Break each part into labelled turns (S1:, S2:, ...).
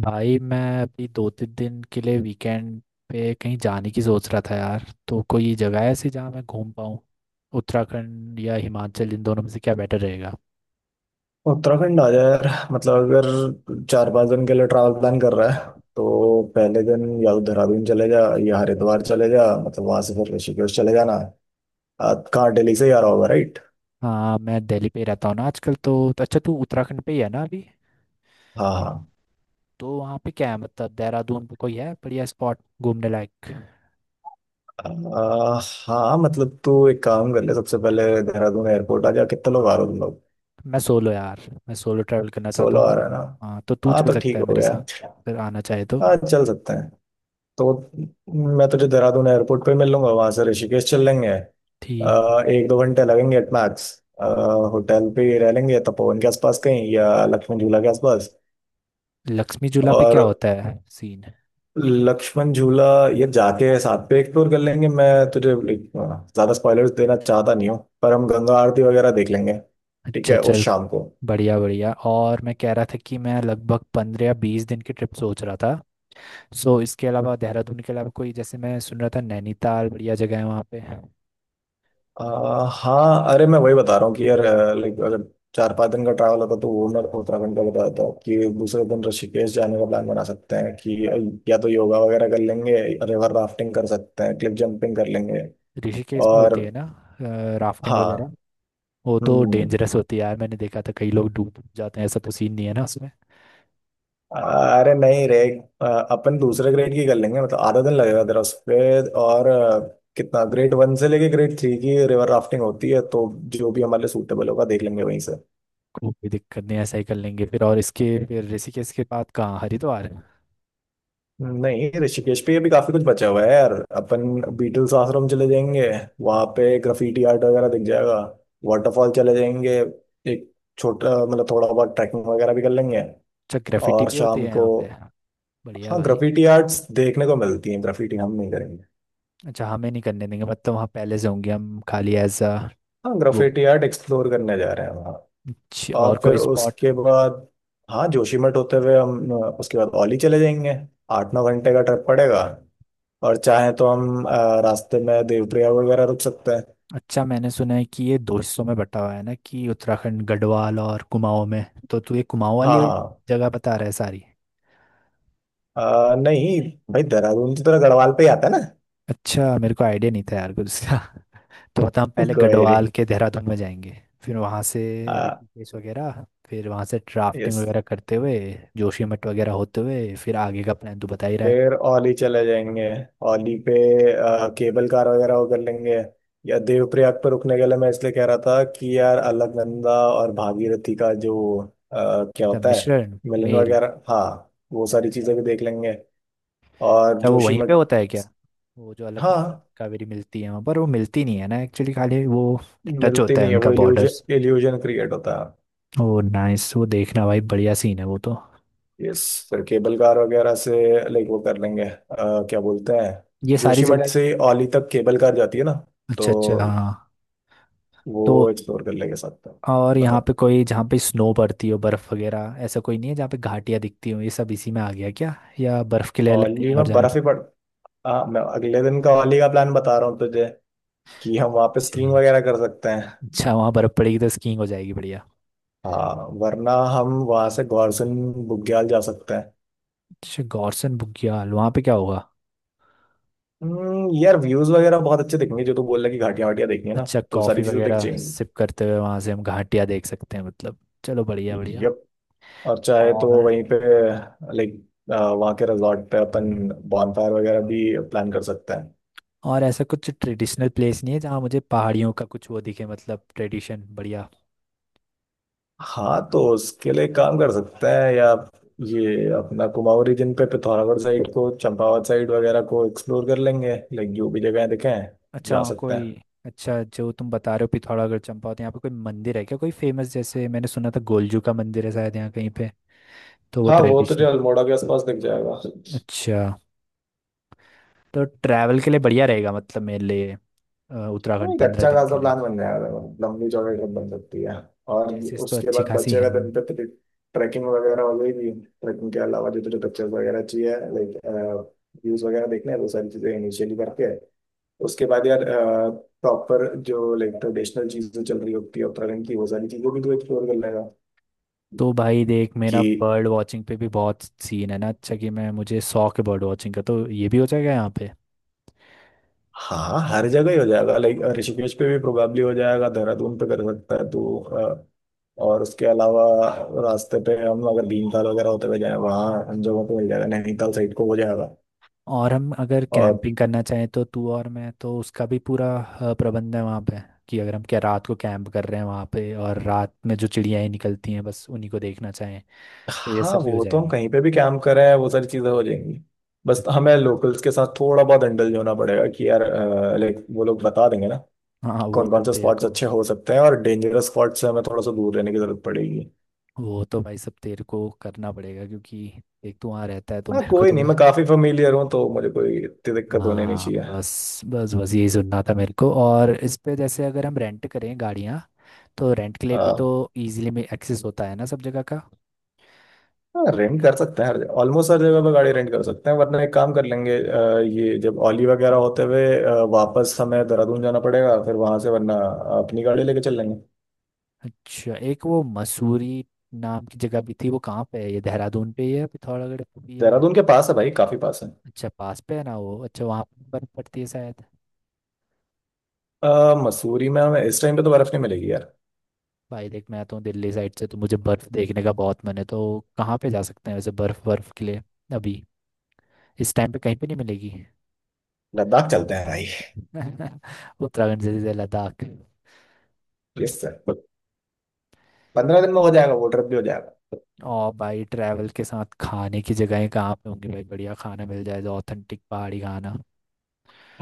S1: भाई मैं अभी 2-3 दिन के लिए वीकेंड पे कहीं जाने की सोच रहा था यार, तो कोई जगह ऐसी जहाँ मैं घूम पाऊँ। उत्तराखंड या हिमाचल इन दोनों में से क्या बेटर रहेगा?
S2: उत्तराखंड आ जाए यार। मतलब अगर 4-5 दिन के लिए ट्रैवल प्लान कर रहा है तो पहले दिन या तो देहरादून चले जा या हरिद्वार चले जा। मतलब वहां से फिर ऋषिकेश चले जाना। कहाँ, दिल्ली से ही आ रहा होगा राइट?
S1: हाँ मैं दिल्ली पे ही रहता हूँ ना आजकल, तो अच्छा तू उत्तराखंड पे ही है ना अभी?
S2: हाँ हाँ।
S1: तो वहाँ पे क्या है, मतलब देहरादून पे कोई है बढ़िया स्पॉट घूमने लायक?
S2: आ, हाँ मतलब तू एक काम कर ले, सबसे पहले देहरादून एयरपोर्ट आ जा। कितने लोग आ रहे हो तुम लोग?
S1: मैं सोलो यार। मैं सोलो ट्रैवल करना चाहता
S2: 16 आ
S1: हूँ।
S2: रहे हैं ना?
S1: हाँ तो तू
S2: हाँ
S1: चल
S2: तो
S1: सकता
S2: ठीक
S1: है
S2: हो
S1: मेरे
S2: गया।
S1: साथ अगर आना चाहे तो।
S2: हाँ चल सकते हैं। तो मैं तुझे देहरादून एयरपोर्ट पे मिल लूंगा, वहां से ऋषिकेश चल लेंगे।
S1: ठीक।
S2: 1-2 घंटे लगेंगे एट मैक्स। होटल पे ही रह लेंगे, तपोवन के आसपास कहीं या लक्ष्मण झूला के आसपास।
S1: लक्ष्मी झूला पे
S2: और
S1: क्या होता है सीन?
S2: लक्ष्मण झूला ये जाके साथ पे एक्सप्लोर कर लेंगे। मैं तुझे like, ज्यादा स्पॉयलर्स देना चाहता नहीं हूँ पर हम गंगा आरती वगैरह देख लेंगे ठीक
S1: अच्छा
S2: है उस
S1: चल।
S2: शाम को।
S1: बढ़िया बढ़िया, और मैं कह रहा था कि मैं लगभग 15 या 20 दिन की ट्रिप सोच रहा था। सो इसके अलावा, देहरादून के अलावा कोई, जैसे मैं सुन रहा था नैनीताल बढ़िया जगह है वहाँ पे।
S2: आ, हाँ अरे मैं वही बता रहा हूँ कि यार लाइक अगर 4-5 दिन का ट्रैवल होता तो वो मैं उत्तराखंड का बता देता हूँ कि दूसरे दिन ऋषिकेश जाने का प्लान बना सकते हैं कि या तो योगा वगैरह कर लेंगे, रिवर राफ्टिंग कर सकते हैं, क्लिफ जंपिंग कर लेंगे।
S1: ऋषिकेश में
S2: और
S1: होती है ना राफ्टिंग वगैरह?
S2: हाँ।
S1: वो तो
S2: हम्म।
S1: डेंजरस होती है यार, मैंने देखा था कई लोग डूब डूब जाते हैं, ऐसा तो सीन नहीं है ना उसमें?
S2: अरे नहीं रे। अ, अपन दूसरे ग्रेड की कर लेंगे, मतलब आधा दिन लगेगा तेरा उस पे। और कितना, ग्रेड वन से लेके ग्रेड थ्री की रिवर राफ्टिंग होती है तो जो भी हमारे लिए सूटेबल होगा देख लेंगे वहीं।
S1: कोई दिक्कत नहीं है, ऐसा ही कर लेंगे फिर। और इसके फिर ऋषिकेश के बाद कहाँ, हरिद्वार, अच्छा।
S2: नहीं, ऋषिकेश पे भी काफी कुछ बचा हुआ है यार। अपन बीटल्स आश्रम चले जाएंगे, वहां पे ग्राफिटी आर्ट वगैरह दिख जाएगा, वाटरफॉल चले जाएंगे। एक छोटा मतलब थोड़ा बहुत ट्रैकिंग वगैरह भी कर लेंगे।
S1: ग्रेफिटी
S2: और
S1: भी होती
S2: शाम
S1: है
S2: को।
S1: यहाँ पे? बढ़िया
S2: हाँ
S1: भाई।
S2: ग्राफिटी आर्ट्स देखने को मिलती हैं, ग्राफिटी हम नहीं करेंगे।
S1: अच्छा हमें नहीं करने देंगे, मतलब वहाँ पहले से होंगे हम खाली एज अ
S2: हाँ
S1: वो।
S2: ग्राफिटी आर्ट एक्सप्लोर करने जा रहे हैं वहाँ।
S1: और
S2: और फिर
S1: कोई स्पॉट?
S2: उसके बाद हाँ, जोशीमठ होते हुए हम उसके बाद औली चले जाएंगे। 8-9 घंटे का ट्रिप पड़ेगा। और चाहे तो हम रास्ते में देवप्रयाग वगैरह रुक सकते हैं।
S1: अच्छा मैंने सुना है कि ये दो हिस्सों में बटा हुआ है ना, कि उत्तराखंड गढ़वाल और कुमाऊं में। तो तू ये कुमाऊं
S2: हाँ
S1: वाली
S2: हाँ।
S1: जगह बता रहा है सारी?
S2: नहीं भाई, देहरादून से तो गढ़वाल पे ही आता है ना।
S1: अच्छा मेरे को आइडिया नहीं था यार कुछ इसका। तो बता, हम पहले
S2: कोई नहीं।
S1: गढ़वाल के देहरादून में जाएंगे, फिर वहाँ से
S2: हाँ।
S1: ऋषिकेश वगैरह, फिर वहाँ से राफ्टिंग
S2: यस।
S1: वगैरह करते हुए जोशीमठ वगैरह होते हुए, फिर आगे का प्लान तू बता ही रहा है।
S2: फिर औली चले जाएंगे। औली पे केबल कार वगैरह वो कर लेंगे। या देवप्रयाग पर रुकने के लिए मैं इसलिए कह रहा था कि यार अलकनंदा और भागीरथी का जो क्या
S1: मतलब
S2: होता है,
S1: मिश्रण।
S2: मिलन
S1: मेल।
S2: वगैरह, हाँ वो सारी चीजें भी देख लेंगे। और
S1: अच्छा वो वहीं
S2: जोशीमठ।
S1: पे होता है क्या? वो जो अलकनंदा
S2: हाँ
S1: कावेरी मिलती है वहाँ पर, वो मिलती नहीं है ना एक्चुअली, खाली वो टच
S2: मिलती
S1: होता है
S2: नहीं है
S1: उनका,
S2: वो,
S1: बॉर्डर्स।
S2: इल्यूजन इल्यूजन क्रिएट होता है।
S1: ओ नाइस, वो देखना भाई, बढ़िया सीन है वो तो।
S2: यस। फिर केबल कार वगैरह से लाइक वो कर लेंगे क्या बोलते हैं,
S1: ये सारी
S2: जोशीमठ
S1: जगह।
S2: से औली तक केबल कार जाती है ना।
S1: अच्छा
S2: तो
S1: अच्छा, हाँ। तो
S2: वो एक्सप्लोर कर लेंगे साथ में।
S1: और यहाँ
S2: बताओ।
S1: पे कोई जहाँ पे स्नो पड़ती हो, बर्फ वगैरह, ऐसा कोई नहीं है जहाँ पे घाटियाँ दिखती हो, ये सब इसी में आ गया क्या? या बर्फ के लिए अलग
S2: औली
S1: कहीं
S2: में
S1: और जाना?
S2: बर्फ ही पड़। हाँ मैं अगले दिन का औली का प्लान बता रहा हूँ तुझे कि हम वहाँ पे
S1: अच्छा।
S2: स्कीइंग वगैरह कर सकते हैं।
S1: अच्छा वहाँ बर्फ पड़ेगी तो स्कीइंग हो जाएगी, बढ़िया।
S2: हाँ वरना हम वहाँ से गौरसन बुग्याल जा सकते हैं।
S1: अच्छा गॉर्सन बुग्याल, वहाँ पे क्या होगा?
S2: यार व्यूज वगैरह बहुत अच्छे दिखेंगे। जो तू बोल रहा है कि घाटियां वाटियां देखनी है ना,
S1: अच्छा
S2: तो
S1: कॉफी
S2: सारी चीजें दिख
S1: वगैरह
S2: जाएंगी।
S1: सिप करते हुए वहां से हम घाटियां देख सकते हैं मतलब? चलो बढ़िया बढ़िया।
S2: यप। और चाहे तो
S1: और
S2: वहीं पे लाइक वहाँ के रिजॉर्ट पे अपन बॉनफायर वगैरह भी प्लान कर सकते हैं।
S1: और ऐसा कुछ ट्रेडिशनल प्लेस नहीं है जहाँ मुझे पहाड़ियों का कुछ वो दिखे, मतलब ट्रेडिशन बढ़िया?
S2: हाँ तो उसके लिए काम कर सकते हैं, या ये अपना कुमाऊं रीजन पे पिथौरागढ़ साइड को, चंपावत साइड वगैरह को एक्सप्लोर कर लेंगे, लाइक जो भी जगह दिखे
S1: अच्छा
S2: जा
S1: वहाँ
S2: सकते
S1: कोई।
S2: हैं।
S1: अच्छा जो तुम बता रहे हो पिथौरागढ़ चंपावत, यहाँ पे कोई मंदिर है क्या कोई फेमस, जैसे मैंने सुना था गोलजू का मंदिर है शायद यहाँ कहीं पे? तो वो
S2: हाँ वो तो जो
S1: ट्रेडिशनल।
S2: अल्मोड़ा के आसपास दिख जाएगा।
S1: अच्छा तो ट्रैवल के लिए बढ़िया रहेगा, मतलब मेरे लिए,
S2: तो
S1: उत्तराखंड
S2: एक
S1: पंद्रह
S2: अच्छा
S1: दिन
S2: खासा
S1: के लिए।
S2: प्लान बन जाएगा, लंबी चौड़ी ट्रिप बन सकती है। और
S1: प्लेसेस तो
S2: उसके
S1: अच्छी
S2: बाद
S1: खासी
S2: बचे
S1: हैं।
S2: हुए दिन पे ट्रैकिंग वगैरह हो जाएगी। ट्रैकिंग के अलावा जो जो पिक्चर्स वगैरह चाहिए लाइक व्यूज वगैरह देखने हैं, वो सारी चीजें इनिशियली करके उसके बाद यार प्रॉपर जो लाइक ट्रेडिशनल चीजें चल रही होती है उत्तराखंड की, वो सारी चीजें भी तो एक्सप्लोर कर लेगा।
S1: तो भाई देख,
S2: कि
S1: मेरा बर्ड वॉचिंग पे भी बहुत सीन है ना अच्छा, कि मैं, मुझे शौक है बर्ड वॉचिंग का, तो ये भी हो जाएगा यहाँ पे।
S2: हाँ, हर जगह ही हो जाएगा। लाइक ऋषिकेश पे भी प्रोबेबली हो जाएगा, देहरादून पे कर सकता है तो और उसके अलावा रास्ते पे हम अगर भीमताल वगैरह होते हुए जाए, वहाँ हम जगहों पे मिल जाएगा, नैनीताल साइड को हो जाएगा।
S1: और हम अगर
S2: और
S1: कैंपिंग करना चाहें तो तू, और मैं तो, उसका भी पूरा प्रबंध है वहाँ पे, कि अगर हम क्या रात को कैंप कर रहे हैं वहाँ पे और रात में जो चिड़िया ही निकलती हैं बस उन्हीं को देखना चाहें? तो ये
S2: हाँ
S1: सब भी हो
S2: वो तो हम
S1: जाएगा।
S2: कहीं पे भी कैंप कर रहे हैं, वो सारी चीजें हो जाएंगी। बस हमें लोकल्स के साथ थोड़ा बहुत इंडल्ज होना पड़ेगा कि यार लाइक वो लोग बता देंगे ना
S1: हाँ वो
S2: कौन
S1: तो
S2: कौन से
S1: तेरे
S2: स्पॉट्स
S1: को।
S2: अच्छे हो सकते हैं, और डेंजरस स्पॉट्स से हमें थोड़ा सा दूर रहने की जरूरत पड़ेगी।
S1: वो तो भाई सब तेरे को करना पड़ेगा, क्योंकि एक तो वहाँ रहता है, तो
S2: हाँ
S1: मेरे को
S2: कोई
S1: तो।
S2: नहीं, मैं काफी फेमिलियर हूँ तो मुझे कोई इतनी दिक्कत होने नहीं
S1: हाँ
S2: चाहिए।
S1: बस बस बस, यही सुनना था मेरे को। और इस पे, जैसे अगर हम रेंट करें गाड़ियाँ, तो रेंट के लिए भी तो
S2: हाँ।
S1: इजीली में एक्सेस होता है ना सब जगह का?
S2: हाँ रेंट कर सकते हैं, ऑलमोस्ट हर जगह पर गाड़ी रेंट कर सकते हैं। वरना एक काम कर लेंगे, ये जब औली वगैरह होते हुए वापस हमें देहरादून जाना पड़ेगा, फिर वहां से वरना अपनी गाड़ी लेके चल लेंगे।
S1: अच्छा, एक वो मसूरी नाम की जगह भी थी, वो कहाँ पे है, ये देहरादून पे ही है, पिथौरागढ़ पे भी है?
S2: देहरादून के पास है भाई, काफी पास है।
S1: अच्छा पास पे है ना वो। अच्छा वहाँ पे बर्फ पड़ती है शायद।
S2: मसूरी में हमें इस टाइम पे तो बर्फ नहीं मिलेगी यार।
S1: भाई देख, मैं आता हूँ दिल्ली साइड से तो मुझे बर्फ देखने का बहुत मन है, तो कहाँ पे जा सकते हैं वैसे बर्फ, बर्फ के लिए अभी इस टाइम पे कहीं पे नहीं मिलेगी?
S2: लद्दाख चलते हैं भाई।
S1: उत्तराखंड से सीधे लद्दाख?
S2: Yes sir. 15 दिन में हो जाएगा, वो ट्रिप भी हो जाएगा।
S1: और भाई ट्रैवल के साथ खाने की जगहें कहाँ पे होंगी भाई, बढ़िया खाना मिल जाए तो, ऑथेंटिक पहाड़ी खाना?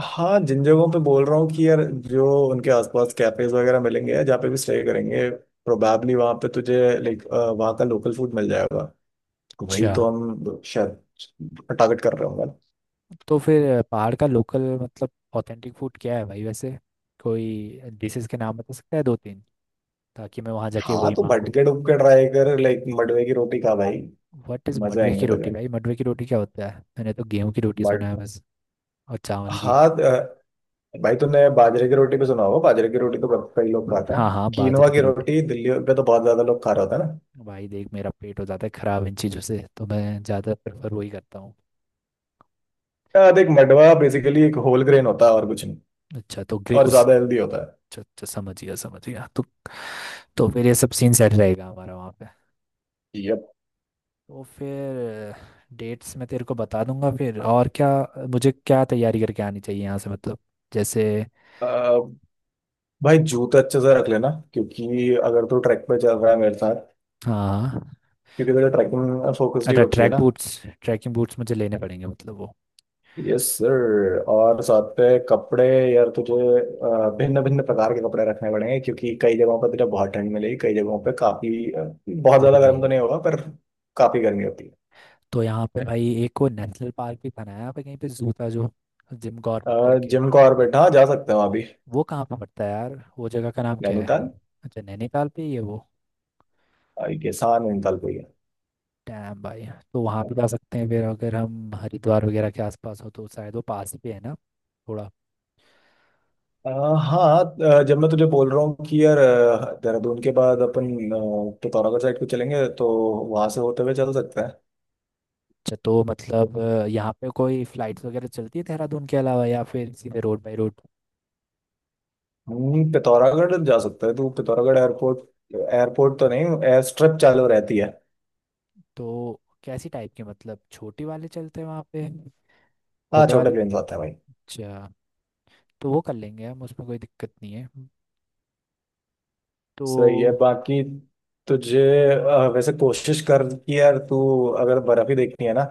S2: हाँ जिन जगहों पे बोल रहा हूँ कि यार जो उनके आसपास कैफेज वगैरह मिलेंगे जहाँ पे भी स्टे करेंगे, प्रोबेबली वहाँ पे तुझे लाइक वहाँ का लोकल फूड मिल जाएगा। वही
S1: अच्छा
S2: तो हम शायद टारगेट कर रहे होंगे ना।
S1: तो फिर पहाड़ का लोकल मतलब ऑथेंटिक फूड क्या है भाई वैसे? कोई डिशेस के नाम बता सकता है 2-3, ताकि मैं वहाँ जाके
S2: हाँ
S1: वही
S2: तो
S1: मांगू?
S2: भटके डुबके ट्राई कर, लाइक मडवे की रोटी खा भाई।
S1: व्हाट इज
S2: मजा
S1: मडवे
S2: आएंगे
S1: की रोटी
S2: तुझे।
S1: भाई? मडवे की रोटी क्या होता है, मैंने तो गेहूं की रोटी सुना
S2: बट
S1: है बस, और चावल की।
S2: हाँ। भाई तूने बाजरे की रोटी पे सुना होगा, बाजरे की रोटी तो बहुत कई लोग खाते
S1: हाँ
S2: हैं,
S1: हाँ
S2: कीनवा
S1: बाजरे की
S2: की
S1: रोटी।
S2: रोटी दिल्ली पे तो बहुत ज्यादा लोग खा रहे होते हैं।
S1: भाई देख, मेरा पेट हो जाता है खराब इन चीज़ों से, तो मैं ज़्यादा प्रेफर वही करता हूँ।
S2: ना देख मडवा बेसिकली एक होल ग्रेन होता है और कुछ नहीं,
S1: अच्छा तो ग्रे
S2: और
S1: उस
S2: ज्यादा हेल्दी होता
S1: अच्छा अच्छा, समझ गया समझ गया। तो फिर ये सब सीन सेट रहेगा हमारा वहाँ पे?
S2: है। यप।
S1: तो फिर डेट्स मैं तेरे को बता दूंगा फिर। और क्या मुझे क्या तैयारी करके आनी चाहिए यहाँ से, मतलब जैसे,
S2: अ, भाई जूते अच्छे से रख लेना, क्योंकि अगर तू ट्रैक पे चल रहा है मेरे साथ,
S1: हाँ?
S2: क्योंकि तुझे ट्रैकिंग फोकस्ड ही
S1: अच्छा
S2: वो चाहिए
S1: ट्रैक
S2: ना।
S1: बूट्स, ट्रैकिंग बूट्स मुझे लेने पड़ेंगे मतलब वो
S2: यस सर। और साथ पे कपड़े, यार तुझे भिन्न भिन्न प्रकार के कपड़े रखने पड़ेंगे क्योंकि कई जगहों पर तुझे बहुत ठंड मिलेगी, कई जगहों पे काफी बहुत ज्यादा
S1: गर्मी
S2: गर्म तो
S1: में।
S2: नहीं होगा पर काफी गर्मी होती
S1: तो यहाँ पे भाई एक वो नेशनल पार्क भी बना है यहाँ पे कहीं पे, जू था जो, जिम कॉर्बेट
S2: है।
S1: करके।
S2: जिम को और बैठा जा सकते हो अभी।
S1: वो कहाँ पे पड़ता है यार, वो जगह का नाम क्या है?
S2: नैनीताल।
S1: अच्छा नैनीताल पे ही है वो?
S2: आई गेस हाँ, नैनीताल को ही है।
S1: डैम भाई। तो वहाँ भी जा सकते हैं फिर अगर हम हरिद्वार वगैरह के आसपास हो, तो शायद वो पास ही पे है ना थोड़ा?
S2: हाँ जब मैं तुझे बोल रहा हूँ कि यार, देहरादून के बाद अपन पिथौरागढ़ साइड को चलेंगे, तो वहां से होते हुए चल सकते हैं।
S1: अच्छा तो मतलब यहाँ पे कोई फ्लाइट्स वगैरह चलती है देहरादून के अलावा, या फिर सीधे रोड बाई रोड?
S2: पिथौरागढ़ जा सकता है तू, पिथौरागढ़ एयरपोर्ट, एयरपोर्ट तो नहीं, एयर स्ट्रिप चालू रहती है।
S1: तो कैसी टाइप के, मतलब छोटे वाले चलते हैं वहाँ पे?
S2: हाँ
S1: छोटे
S2: छोटे
S1: वाले।
S2: प्लेन आते हैं भाई।
S1: अच्छा। तो वो कर लेंगे हम, उसमें कोई दिक्कत नहीं है
S2: सही है।
S1: तो।
S2: बाकी तुझे वैसे कोशिश कर कि यार तू अगर बर्फ ही देखनी है ना।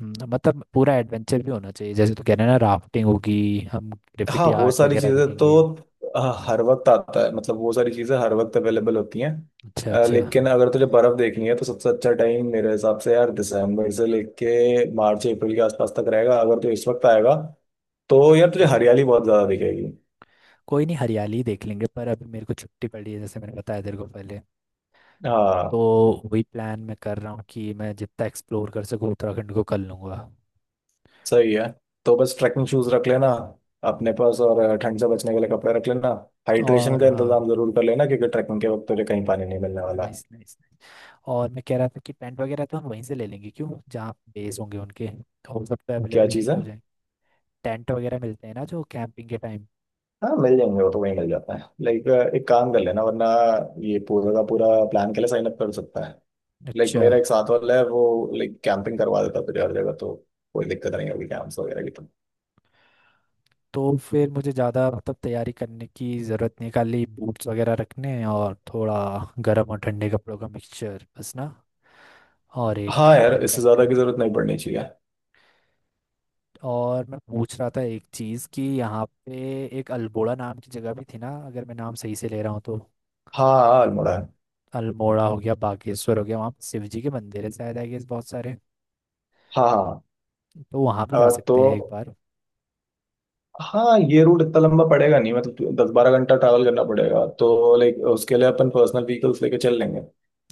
S1: मतलब पूरा एडवेंचर भी होना चाहिए, जैसे तो कह रहे हैं ना, राफ्टिंग होगी, हम
S2: हाँ
S1: ग्रेफिटी
S2: वो
S1: आर्ट
S2: सारी
S1: वगैरह
S2: चीजें तो
S1: देखेंगे।
S2: अ, हर वक्त आता है, मतलब वो सारी चीजें हर वक्त अवेलेबल होती हैं।
S1: अच्छा अच्छा।
S2: लेकिन अगर तुझे बर्फ देखनी है तो सबसे अच्छा टाइम मेरे हिसाब से यार दिसंबर से लेके मार्च अप्रैल के आसपास तक रहेगा। अगर तू इस वक्त आएगा तो यार तुझे हरियाली बहुत ज्यादा दिखेगी।
S1: कोई नहीं, हरियाली ही देख लेंगे। पर अभी मेरे को छुट्टी पड़ी है जैसे मैंने बताया तेरे को पहले, तो
S2: हाँ
S1: वही प्लान मैं कर रहा हूँ कि मैं जितना एक्सप्लोर कर सकूँ उत्तराखंड को कर लूँगा।
S2: सही है। तो बस ट्रैकिंग शूज रख लेना अपने पास, और ठंड से बचने के लिए कपड़े रख लेना। हाइड्रेशन
S1: और
S2: का
S1: हाँ,
S2: इंतजाम जरूर कर लेना क्योंकि ट्रैकिंग के वक्त तुझे कहीं पानी नहीं मिलने वाला।
S1: Nice nice nice. और मैं कह रहा था कि टेंट वगैरह तो हम वहीं से ले लेंगे क्यों, जहाँ बेस होंगे उनके, तो वो सब तो
S2: क्या
S1: अवेलेबल वहीं
S2: चीज़
S1: पे
S2: है?
S1: हो जाए। टेंट वगैरह मिलते हैं ना जो कैंपिंग के टाइम?
S2: हाँ मिल जाएंगे वो तो, वहीं मिल जाता है। लाइक एक काम कर लेना वरना, ये पूरा का पूरा प्लान के लिए साइन अप कर सकता है। लाइक
S1: अच्छा
S2: मेरा एक साथ वाला है वो, लाइक कैंपिंग करवा देता है तुझे हर जगह, तो कोई दिक्कत नहीं होगी कैंप्स वगैरह की तो।
S1: तो फिर मुझे ज़्यादा मतलब तैयारी करने की ज़रूरत नहीं, खाली बूट्स वगैरह रखने हैं और थोड़ा गर्म और ठंडे कपड़ों का मिक्सचर बस ना, और एक
S2: हाँ यार, इससे
S1: backpack?
S2: ज्यादा की जरूरत नहीं पड़नी चाहिए।
S1: और मैं पूछ रहा था एक चीज़, कि यहाँ पे एक अल्मोड़ा नाम की जगह भी थी ना, अगर मैं नाम सही से ले रहा हूँ तो?
S2: हाँ हाँ अल्मोड़ा है।
S1: अल्मोड़ा हो गया, बागेश्वर हो गया, वहाँ पे शिव जी के मंदिर है शायद आई गेस बहुत सारे,
S2: हाँ हाँ।
S1: तो वहाँ भी जा
S2: तो
S1: सकते हैं एक बार।
S2: हाँ, ये रूट इतना लंबा पड़ेगा नहीं, मतलब 10-12 घंटा ट्रैवल करना पड़ेगा तो लाइक उसके लिए अपन पर्सनल व्हीकल्स लेके चल लेंगे।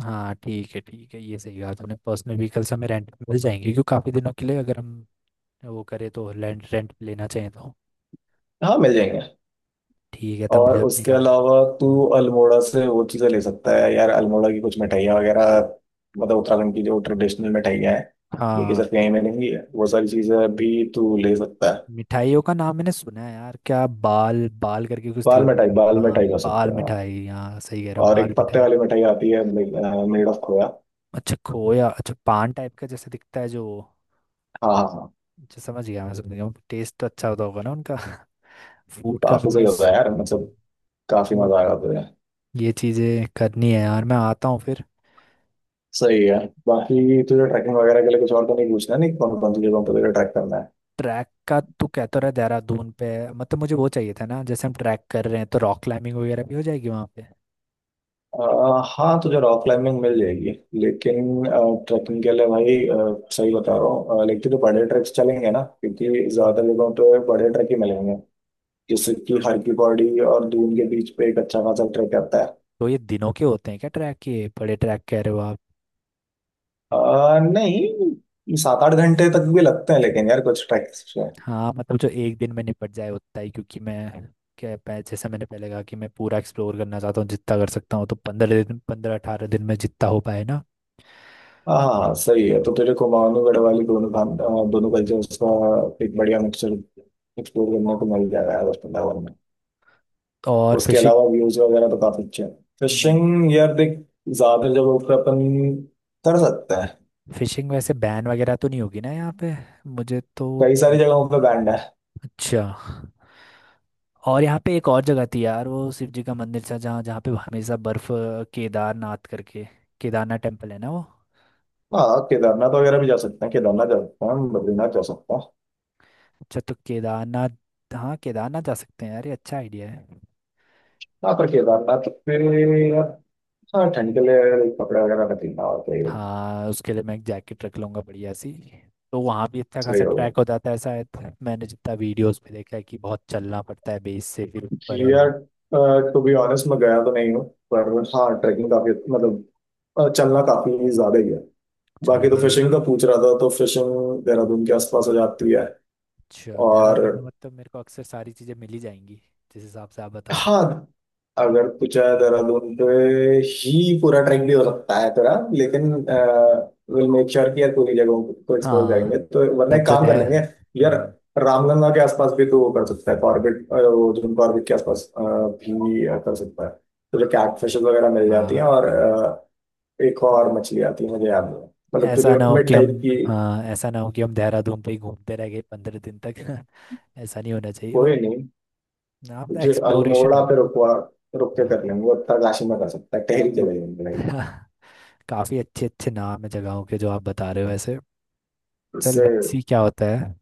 S1: हाँ ठीक है ठीक है, ये सही कहा तुमने, पर्सनल व्हीकल्स हमें रेंट पे मिल जाएंगे क्योंकि काफ़ी दिनों के लिए अगर हम वो करें तो रेंट रेंट पे लेना चाहिए तो।
S2: हाँ मिल जाएंगे।
S1: ठीक है, तब मुझे
S2: और
S1: अपनी
S2: उसके
S1: गाड़ी।
S2: अलावा तू
S1: हम्म।
S2: अल्मोड़ा से वो चीज़ें ले सकता है यार, अल्मोड़ा की कुछ मिठाइयाँ वगैरह, मतलब उत्तराखंड की जो ट्रेडिशनल मिठाइयाँ हैं, लेकिन
S1: हाँ
S2: सिर्फ यहीं मिलेंगी, वो सारी चीज़ें भी तू ले सकता है।
S1: मिठाइयों का नाम मैंने सुना है यार, क्या बाल बाल करके कुछ थी
S2: बाल
S1: वो?
S2: मिठाई, बाल
S1: हाँ
S2: मिठाई खा
S1: बाल
S2: सकता है हाँ।
S1: मिठाई, हाँ सही कह रहे हो,
S2: और
S1: बाल
S2: एक पत्ते
S1: मिठाई।
S2: वाली मिठाई आती है, मेड ऑफ खोया।
S1: अच्छा खोया। अच्छा पान टाइप का जैसे दिखता है जो?
S2: हाँ हाँ हाँ।
S1: अच्छा समझ गया मैं, समझ गया, टेस्ट तो अच्छा होता होगा ना उनका? फूड का भी
S2: काफी सही होता
S1: बस।
S2: है यार, मतलब काफी
S1: तो
S2: मजा आएगा तुझे।
S1: ये चीज़ें करनी है यार, मैं आता हूँ फिर।
S2: सही है। बाकी तुझे ट्रैकिंग वगैरह के लिए कुछ और तो नहीं पूछना है, नहीं, कौन कौन सी जगहों पर तुझे ट्रैक करना है?
S1: ट्रैक का तू कहता रहा देहरादून पे, मतलब मुझे वो चाहिए था ना, जैसे हम ट्रैक कर रहे हैं तो रॉक क्लाइंबिंग वगैरह भी हो जाएगी वहाँ पे।
S2: हाँ तुझे रॉक क्लाइंबिंग मिल जाएगी। लेकिन ट्रैकिंग के लिए भाई सही बता रहा हूँ लेकिन तो बड़े ट्रैक्स चलेंगे ना, क्योंकि ज्यादा
S1: हाँ
S2: जगहों पे बड़े ट्रैक ही मिलेंगे। जैसे कि हर की पौड़ी और दून के बीच पे एक अच्छा खासा ट्रैक आता है।
S1: तो ये दिनों के होते हैं क्या ट्रैक, ये बड़े ट्रैक कह रहे हो आप?
S2: नहीं, 7-8 घंटे तक भी लगते हैं लेकिन यार कुछ ट्रैक्स।
S1: हाँ मतलब जो एक दिन में निपट जाए उतना ही, क्योंकि मैं जैसे मैंने पहले कहा कि मैं पूरा एक्सप्लोर करना चाहता हूँ जितना कर सकता हूँ, तो पंद्रह दिन, पंद्रह अठारह दिन में जितना हो पाए ना?
S2: हाँ हाँ सही है। तो तेरे को मानवगढ़ वाली दोनों खान दोनों कल्चर्स का एक बढ़िया मिक्सचर एक्सप्लोर करने को मिल जाएगा यार उस वृंदावन में।
S1: और
S2: उसके
S1: फिशिंग।
S2: अलावा व्यूज वगैरह तो काफी अच्छे हैं।
S1: हम्म,
S2: फिशिंग यार देख, ज्यादा जगहों पे अपन कर सकते हैं।
S1: फिशिंग वैसे बैन वगैरह तो नहीं होगी ना यहाँ पे? मुझे तो
S2: कई सारी जगहों पे बैंड है।
S1: अच्छा। और यहाँ पे एक और जगह थी यार, वो शिव जी का मंदिर था जहाँ, जहाँ पे हमेशा बर्फ, केदारनाथ करके, केदारनाथ टेम्पल है ना वो?
S2: हाँ केदारनाथ वगैरह भी जा सकते हैं, केदारनाथ जा सकते हैं, बद्रीनाथ जा सकते हैं।
S1: अच्छा तो केदारनाथ, हाँ केदारनाथ जा सकते हैं यार, ये अच्छा आइडिया है।
S2: हाँ पर केदारनाथ पे यार, हाँ ठंड के लिए यार एक कपड़े वगैरह रख लेना। और
S1: हाँ उसके लिए मैं एक जैकेट रख लूंगा बढ़िया सी। तो वहाँ भी इतना
S2: सही
S1: खासा
S2: होगा
S1: ट्रैक हो जाता है शायद, मैंने जितना वीडियोस में देखा है कि बहुत चलना पड़ता है बेस से फिर ऊपर है वो।
S2: यार। टू बी ऑनेस्ट मैं गया तो नहीं हूँ, पर हाँ ट्रैकिंग काफी मतलब चलना काफी ज्यादा ही है।
S1: चलो
S2: बाकी तो
S1: फिर ये
S2: फिशिंग का
S1: भी।
S2: पूछ रहा था, तो फिशिंग देहरादून के आसपास हो जाती है।
S1: अच्छा
S2: और
S1: देहरादून में मतलब मेरे को अक्सर सारी चीज़ें मिली जाएंगी जिस हिसाब से आप बता रहे
S2: हाँ अगर पूछा है देहरादून पे ही पूरा ट्रैक भी हो सकता है तेरा। लेकिन विल मेक श्योर कि यार पूरी जगहों को
S1: हो।
S2: एक्सप्लोर
S1: हाँ
S2: करेंगे, तो वरना
S1: मतलब
S2: एक
S1: जो
S2: काम कर
S1: देह
S2: लेंगे यार, रामगंगा के आसपास भी तो वो कर सकता है, कॉर्बेट वो जो कॉर्बेट के आसपास भी कर सकता है। तो जो कैटफिशेस वगैरह मिल जाती हैं,
S1: हाँ
S2: और एक और मछली आती है मुझे याद नहीं, मतलब
S1: ऐसा
S2: तुझे
S1: ना हो
S2: मिड
S1: कि हम
S2: टाइप की।
S1: हाँ ऐसा ना हो कि हम देहरादून पे ही घूमते रह गए 15 दिन तक। ऐसा नहीं होना चाहिए बट।
S2: कोई नहीं,
S1: हाँ मतलब
S2: तुझे
S1: एक्सप्लोरेशन
S2: अल्मोड़ा पे
S1: होना।
S2: रुकवा रुक के कर लेंगे वो, उत्तरकाशी में कर सकता है, टहरी चले जाएंगे भाई।
S1: हाँ काफ़ी अच्छे अच्छे नाम है जगहों के जो आप बता रहे हो ऐसे। चल
S2: इससे
S1: लेट्स सी क्या होता है।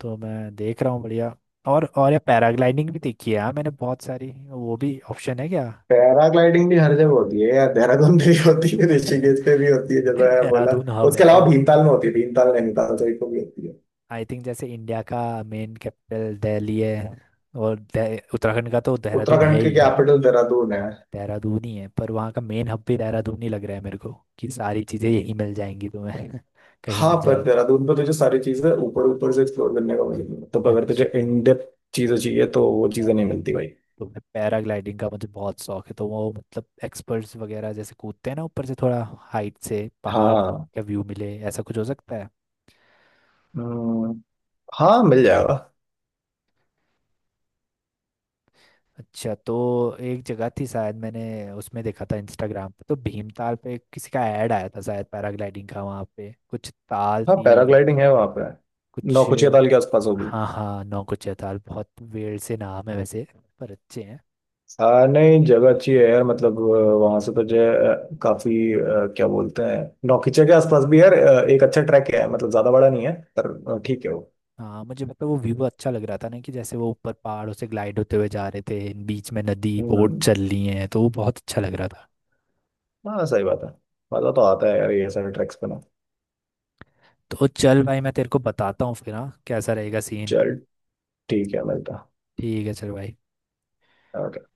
S1: तो मैं देख रहा हूँ बढ़िया। और ये पैराग्लाइडिंग भी देखी है यार मैंने बहुत सारी, वो भी ऑप्शन है क्या?
S2: पैराग्लाइडिंग भी हर जगह होती है यार, देहरादून में भी होती है, ऋषिकेश पे भी होती है जब मैं बोला।
S1: देहरादून हब है
S2: उसके
S1: क्या?
S2: अलावा भीमताल में होती है, भीमताल नैनीताल साइड को भी होती है।
S1: आई थिंक जैसे इंडिया का मेन कैपिटल दिल्ली है, और उत्तराखंड का तो देहरादून है
S2: उत्तराखंड की
S1: ही।
S2: कैपिटल देहरादून है।
S1: देहरादून ही है, पर वहाँ का मेन हब भी देहरादून ही लग रहा है मेरे को, कि सारी चीज़ें यही मिल जाएंगी तुम्हें। कहीं
S2: हाँ
S1: मत
S2: पर
S1: जाओ।
S2: देहरादून पे तुझे सारी चीजें ऊपर ऊपर से एक्सप्लोर करने को मिलेगी, तो अगर
S1: अच्छा
S2: तुझे इन डेप्थ चीजें चाहिए तो वो चीजें नहीं मिलती भाई।
S1: तो मैं, पैराग्लाइडिंग का मुझे बहुत शौक है, तो वो मतलब एक्सपर्ट्स वगैरह जैसे कूदते हैं ना ऊपर से, थोड़ा हाइट से पहाड़
S2: हाँ।
S1: का व्यू मिले, ऐसा कुछ हो सकता है?
S2: हम्म, हाँ मिल जाएगा।
S1: अच्छा तो एक जगह थी शायद, मैंने उसमें देखा था इंस्टाग्राम पे, तो भीमताल पे किसी का ऐड आया था शायद पैराग्लाइडिंग का, वहाँ पे कुछ ताल
S2: हाँ
S1: थी
S2: पैराग्लाइडिंग है वहां पे,
S1: कुछ?
S2: नौकुचिया ताल के आसपास होगी।
S1: हाँ हाँ नौकुचिया ताल, बहुत वेड़ से नाम है वैसे, पर अच्छे हैं।
S2: हाँ नहीं जगह अच्छी है यार, मतलब वहां से तो जो है काफी क्या बोलते हैं, नौकीचे के आसपास भी यार एक अच्छा ट्रैक है, मतलब ज्यादा बड़ा नहीं है पर ठीक है वो।
S1: हाँ मुझे मतलब वो व्यू अच्छा लग रहा था ना, कि जैसे वो ऊपर पहाड़ों से ग्लाइड होते हुए जा रहे थे, बीच में नदी, बोट
S2: हम्म।
S1: चल रही है, तो वो बहुत अच्छा लग रहा था।
S2: हाँ सही बात है। मजा तो आता है यार ये सारे ट्रैक्स पे ना।
S1: तो चल भाई, मैं तेरे को बताता हूँ फिर हाँ, कैसा रहेगा सीन?
S2: चल ठीक है, मिलता है।
S1: ठीक है चल भाई।
S2: Okay.